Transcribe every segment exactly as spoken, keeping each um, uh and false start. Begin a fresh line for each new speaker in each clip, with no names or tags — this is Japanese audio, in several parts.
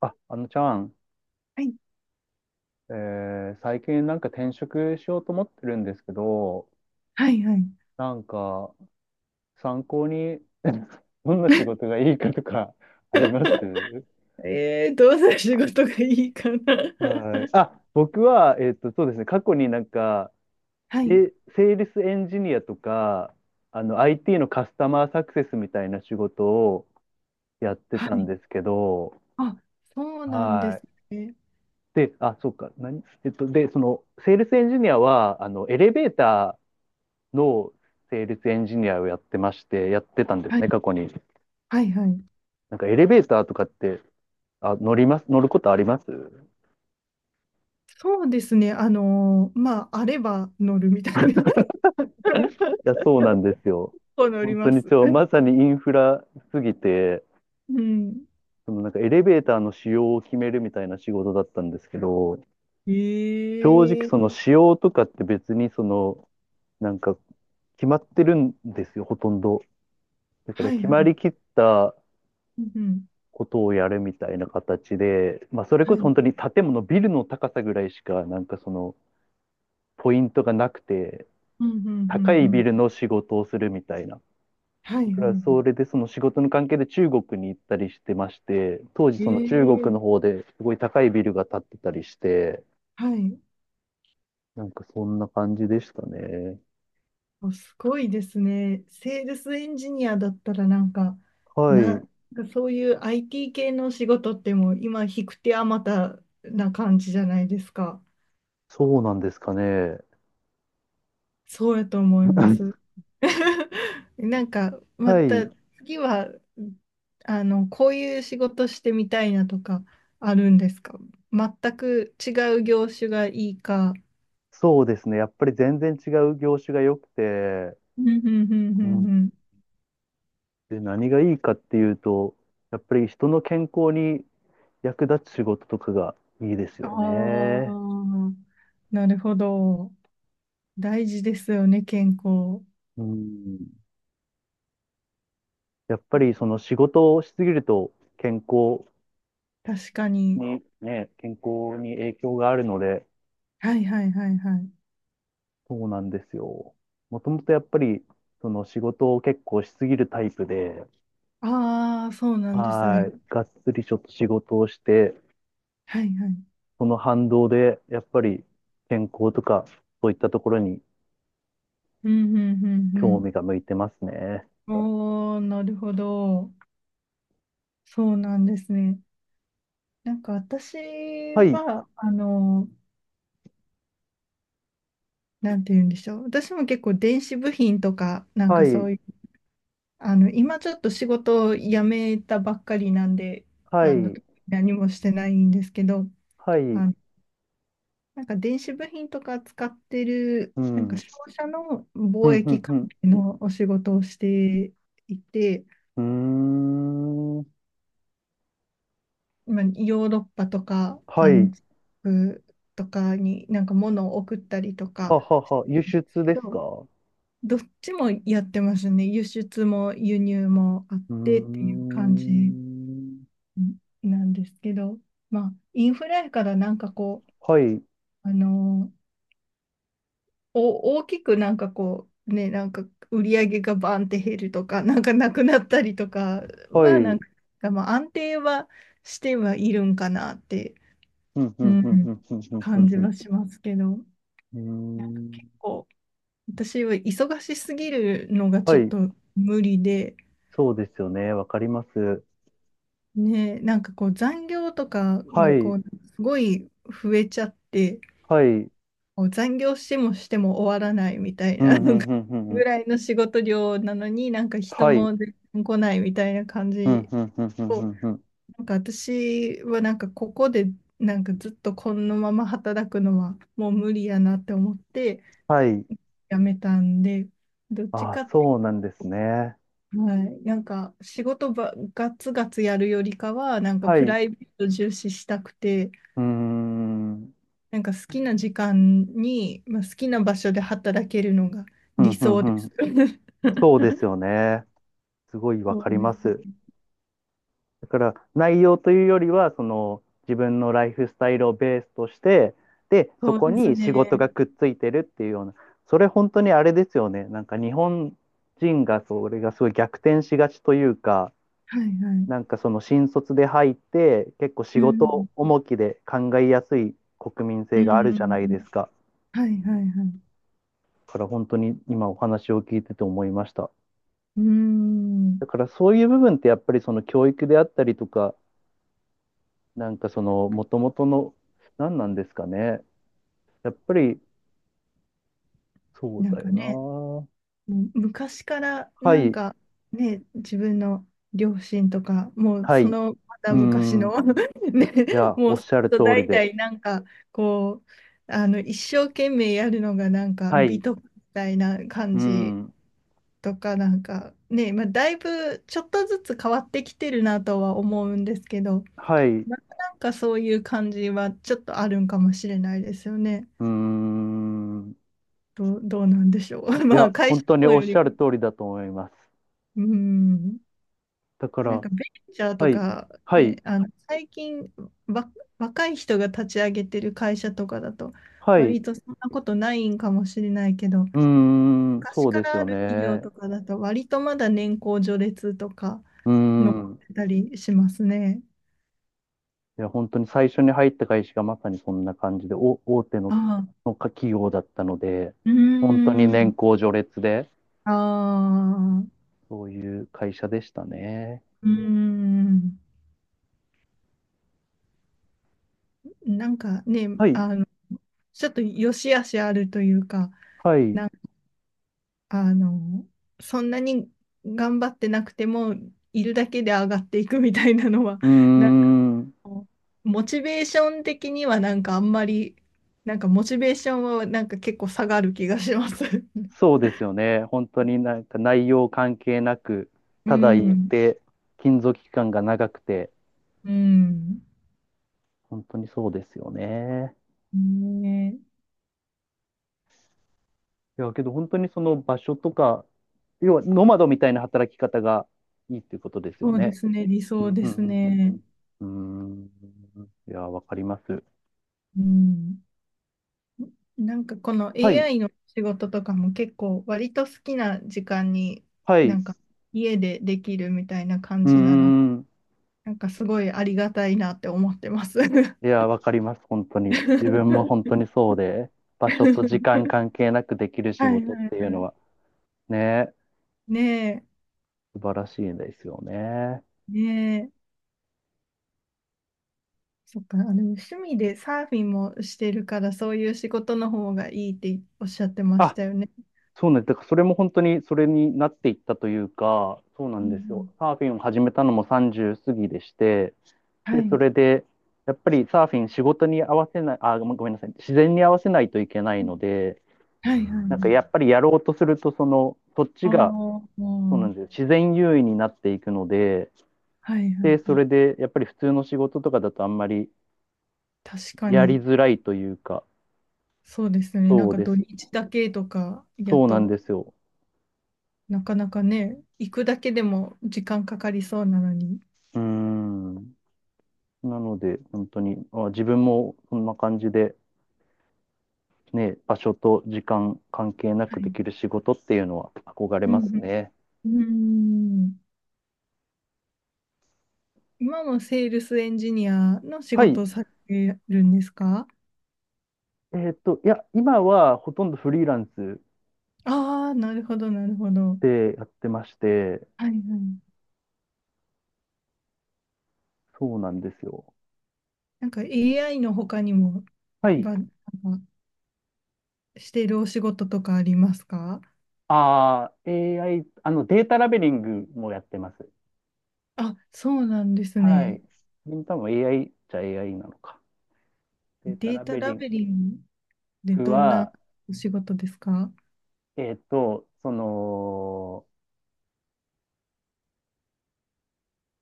あ、あのちゃん、
はい、
えー最近なんか転職しようと思ってるんですけど、
はい、はい。
なんか参考に どんな仕事がいいかとか あります
えー、どうする仕事がいいかな。
はい。あ、僕は、えっと、そうですね、過去になんか、
はい、
え、セールスエンジニアとか、あの、アイティー のカスタマーサクセスみたいな仕事をやって
は
たん
い。
ですけど、
あ、そうなんで
は
す
い。
ね。
で、あ、そうか、何、えっと、で、その、セールスエンジニアは、あの、エレベーターのセールスエンジニアをやってまして、やってたんで
は
す
い、
ね、過去に。
はい、はい。
なんかエレベーターとかって、あ、乗ります、乗ることありますい
そうですね。あのーまあ、あれば乗るみたいな。
や、そうなんですよ。
そう乗り
本当
ま
に
す。
超、まさにインフラすぎて、
うん。
そのなんかエレベーターの仕様を決めるみたいな仕事だったんですけど、
え
正直そ
え、
の仕様とかって別にその、なんか決まってるんですよ、ほとんど。だから
はい
決
は
まり
い。
きった
うんうん。
ことをやるみたいな形で、まあそれ
は
こ
い。
そ
う
本当
ん
に建物、ビルの高さぐらいしか、なんかその、ポイントがなくて、
うんう
高
んう
い
ん。
ビルの仕事をするみたいな。
はいは
だ
い
からそ
は
れでその仕事の関係で中国に行ったりしてまして、当時その中
い。
国の
ええ、
方ですごい高いビルが建ってたりして、
はい。
なんかそんな感じでしたね。
お、すごいですね。セールスエンジニアだったらなんか、
はい、
な、そういう アイティー 系の仕事ってもう今、引く手あまたな感じじゃないですか。
そうなんですかね。
そうやと思います。なんか、ま
は
た
い、
次は、あの、こういう仕事してみたいなとかあるんですか？全く違う業種がいいか。
そうですね。やっぱり全然違う業種が良くて、
うんうんうんう
う
ん
ん
うん。
で、何がいいかっていうと、やっぱり人の健康に役立つ仕事とかがいいですよ
あ
ね。
あ、なるほど。大事ですよね、健康。
うんやっぱりその仕事をしすぎると健康
確かに。
にね、健康に影響があるので、
はいはいはいはい。
そうなんですよ。もともとやっぱりその仕事を結構しすぎるタイプで、
ああ、そうなんです
は
ね。
い、がっつりちょっと仕事をして、
はいはい。
その反動でやっぱり健康とかそういったところに
うんうんう
興味
ん
が向いてますね。
うん。おー、なるほど。そうなんですね。なんか私
はい、
は、あの、なんて言うんでしょう。私も結構電子部品とか、なん
は
かそ
い、
ういう、あの、今ちょっと仕事を辞めたばっかりなんで、
は
あの、
い、
何もしてないんですけど、
はい、
あのなんか電子部品とか使ってる、
う
なん
ん、うん、
か商社の
う
貿
ん、
易関
う
係のお仕事をしていて、
ん、うーん、
まあ、ヨーロッパとか
はい、
安福とかになんか物を送ったりとか、
ははは、輸出です
ど
か
どっちもやってますね。輸出も輸入もあっ
うー
てっていう感じ
ん。
なんですけど、まあ、インフレからなんかこう、
はい、
あのお、大きくなんかこう、ね、なんか売り上げがバーンって減るとか、なんかなくなったりとか
はい。う
は、な
ん、
んか、まあ、安定はしてはいるんかなって、
うん、う
う
ん、うん、う
ん、
ん、う
感じ
ん、
はしますけど、なんか
うん。うん。うーん
こう、私は忙しすぎるのが
は
ちょっ
い、
と無理で、
そうですよね。わかります。
ね、なんかこう残業とか
は
がこ
い、
う、すごい増えちゃって、
はい。うん、
もう残業してもしても終わらないみたい
う
な、
ん、う
なん
ん、
か
うんう
ぐ
ん。
らいの仕事量なのになんか人
はい。
も全然来ないみたいな感
うん、
じ
うん、うん、うん、う
を、
んうん。
なんか私はなんかここでなんかずっとこのまま働くのはもう無理やなって思って
はい。
辞めたんで、どっち
ああ、
かって
そうなんで
い
す
う
ね。
と、はい、なんか仕事ばガツガツやるよりかは、なんか
はい。
プ
う
ライベート重視したくて、
ーん。うん、
なんか好きな時間に、まあ、好きな場所で働けるのが
うん、
理
う
想です。
ん。そうですよ ね。すごいわ
そ
か
う
り
で
ます。
す。
だから内容というよりはその自分のライフスタイルをベースとしてでそ
そう
こ
です
に仕事
ね。
がくっついてるっていうようなそれ本当にあれですよねなんか日本人がそれがすごい逆転しがちというか
はいは
なん
い。
かその新卒で入って結構仕
うん。
事重きで考えやすい国民
う
性があるじゃないで
ん。
すか。
はいはいはい。
だから本当に今お話を聞いてて思いました。
う
だ
ん。
からそういう部分ってやっぱりその教育であったりとか、なんかそのもともとの何なんですかね。やっぱり、そう
なん
だ
か
よ
ね、
な。
もう昔から
は
なん
い、
かね、自分の両親とか、もう
はい。
そ
う
のまた
ー
昔
ん。
の ね、
いや、
も
お
う
っ
ずっ
しゃる通
と
り
代
で。
々なんかこう、あの一生懸命やるのがなんか
はい、
美
う
徳みたいな感
ー
じ
ん。
とかなんかね、まあ、だいぶちょっとずつ変わってきてるなとは思うんですけど、
はい、う
またなんかそういう感じはちょっとあるんかもしれないですよね。
ーん。
どう、どうなんでしょう。
い
まあ
や、
会
本
社
当に
の
おっ
よ
し
り
ゃる
も、
通りだと思います。
うん、
だか
なん
ら、
かベンチャー
は
と
い、
か、
はい、
ね、あの最近わ若い人が立ち上げてる会社とかだと
はい、
割
う
とそんなことないんかもしれないけど、
ーん、
昔
そう
か
です
ら
よ
ある企業
ね。
とかだと割とまだ年功序列とか
うー
残っ
ん。
てたりしますね。
いや、本当に最初に入った会社がまさにそんな感じで、お、大手
あ
の
あ、
の企業だったので、
うー
本当に年
ん、
功序列で、
ああ、
そういう会社でしたね。
うーん、なんかね、
はい。
あの、ちょっと良し悪しあるというか、
はい。う
なん、あの、そんなに頑張ってなくても、いるだけで上がっていくみたいなのは、
ー
なんか
ん。
こう、モチベーション的にはなんかあんまり、なんかモチベーションはなんか結構下がる気がします。
そうですよね。本当になんか内容関係なく、
う
ただ言っ
ん、
て、勤続期間が長くて、
うん、
本当にそうですよね。
ねえ、
いや、けど本当にその場所とか、要はノマドみたいな働き方がいいっていうことです
そ
よ
うで
ね。
すね、理
う
想
ん
で
う
す
んうん
ね。
うんうーん。いや、わかります。
うん、なんかこの
はい。
エーアイ の仕事とかも結構割と好きな時間に
はい。
な
う
んか家でできるみたいな感
ー
じなので、
ん。
なんかすごいありがたいなって思ってます。は
いや、わかります。本当に。自分も本当にそうで、場所と時
い
間関係なくできる仕
はい
事っ
は
ていうの
い。
は、ね、
ね
素晴らしいですよね。
え、ねえ。そっか、あ、の趣味でサーフィンもしてるからそういう仕事の方がいいっておっしゃってまし
あ、
たよね。
そうなんです。だからそれも本当にそれになっていったというか、そうな
うん
ん
う
ですよ。
ん、
サーフィンを始めたのもさんじゅう過ぎでして、
は
で、そ
い。
れで、やっぱりサーフィン仕事に合わせない、あ、ごめんごめんなさい、自然に合わせないといけない
う
の
ん、
で、
はいはいは
なんかや
い。
っぱりやろうとすると、その、そっち
ああ、
が、
も
そうなんで
う、
すよ。自然優位になっていくので、
はいはい
で、
は
それ
い。
で、やっぱり普通の仕事とかだとあんまり
確か
やり
に。
づらいというか、
そうですよね。なん
そう
か
で
土
す。
日だけとかやっ
そうなん
と
ですよ。
なかなかね、行くだけでも時間かかりそうなのに。
うーん。なので、本当に、あ、自分もそんな感じで、ね、場所と時間関係な
は
くで
い。
きる仕事っていうのは憧れ
う
ます
ん。
ね。
うん。うん、今もセールスエンジニアの仕
はい。
事をされてるんですか？
えーっと、いや、今はほとんどフリーランス
ああー、なるほど、なるほど。
でやってまして、
はいはい。
そうなんですよ。
なんか エーアイ の他にも、
はい。
ば、なんかしてるお仕事とかありますか？
ああ、エーアイ、あの、データラベリングもやってます。
あ、そうなんです
は
ね。
い。これも多分 エーアイ じゃ エーアイ なのか。データ
デ
ラ
ータ
ベ
ラ
リン
ベリングで
グ
どんな
は、
お仕事ですか？
えっと、その、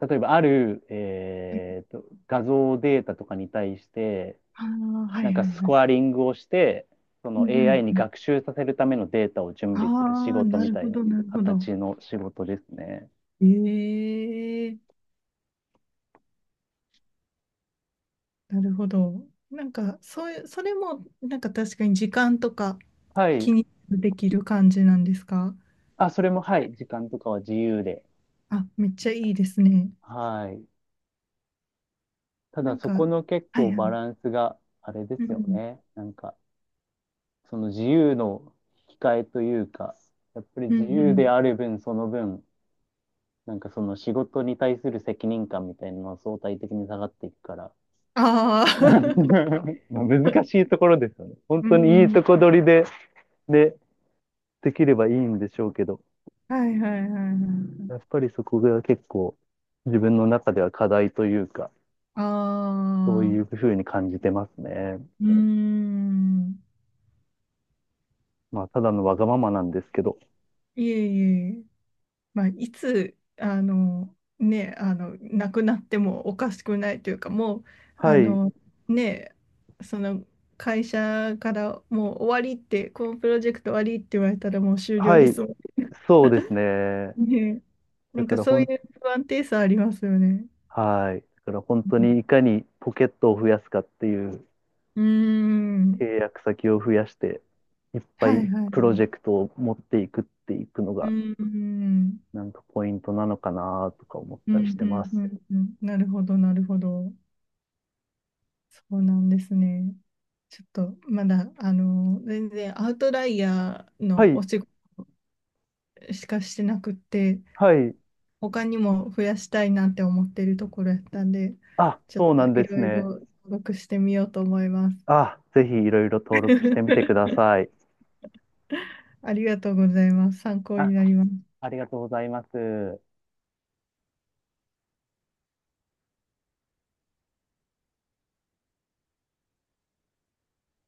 例えばある、えーと、画像データとかに対して、
ああー、はい
なんか
はい
ス
はい。
コアリングをして、そ
うん
の
うん
エーアイ に
うん。
学習させるためのデータを準備する仕
ああ、
事
な
み
る
た
ほ
いな
ど、なるほど。
形の仕事ですね。
ええ、なるほど。なんか、そういう、それも、なんか確かに時間とか
はい。
気にできる感じなんですか？
あ、それも、はい。時間とかは自由で。
あ、めっちゃいいですね。
はい。た
な
だ
ん
そ
か、
この結
はい
構
は
バ
い。
ランスがあれで
う
すよ
ん、
ね。なんか、その自由の引き換えというか、やっぱり
うん、
自
う
由で
ん。
ある分、その分、なんかその仕事に対する責任感みたいなのは相対的に下がっていくから。
ああ、
まあ難しい ところですよね。本
う
当にいい
ん。
とこ取りで、で、できればいいんでしょうけど、
はいはいはいは
やっ
い。
ぱりそこが結構自分の中では課題というか、
あ
そういう
あ、
ふうに感じてますね。
うーん。
まあ、ただのわがままなんですけど。
いえいえ。まあ、いつあの、ね、あの亡くなってもおかしくないというかもうあ
はい、
の、ね、その会社からもう終わりって、このプロジェクト終わりって言われたらもう終了
は
で
い、
すも
そうですね。
んね。な
だ
ん
か
か
ら
そ
ほ
ういう
ん、
不安定さありますよね。
はい。だから本当にいかにポケットを増やすかっていう
うん、うー
契
ん、
約先を増やして、いっぱ
は
い
いはい。
プロジ
う
ェクトを持っていくっていくの
ー
が、
ん、
なんかポイントなのかなとか思っ
う
た
ん、う
りしてま
ん、
す。
うん、うん、なるほど、なるほど。そうなんですね。ちょっとまだあの全然アウトライヤー
は
のお
い、
仕事しかしてなくって、
はい。
他にも増やしたいなって思ってるところやったんで、
あ、
ちょっ
そうな
と
ん
い
です
ろいろ
ね。
登録してみようと思います。
あ、ぜひいろいろ登録してみてくだ さい。
ありがとうございます。参考
あ、
になります。
ありがとうございます。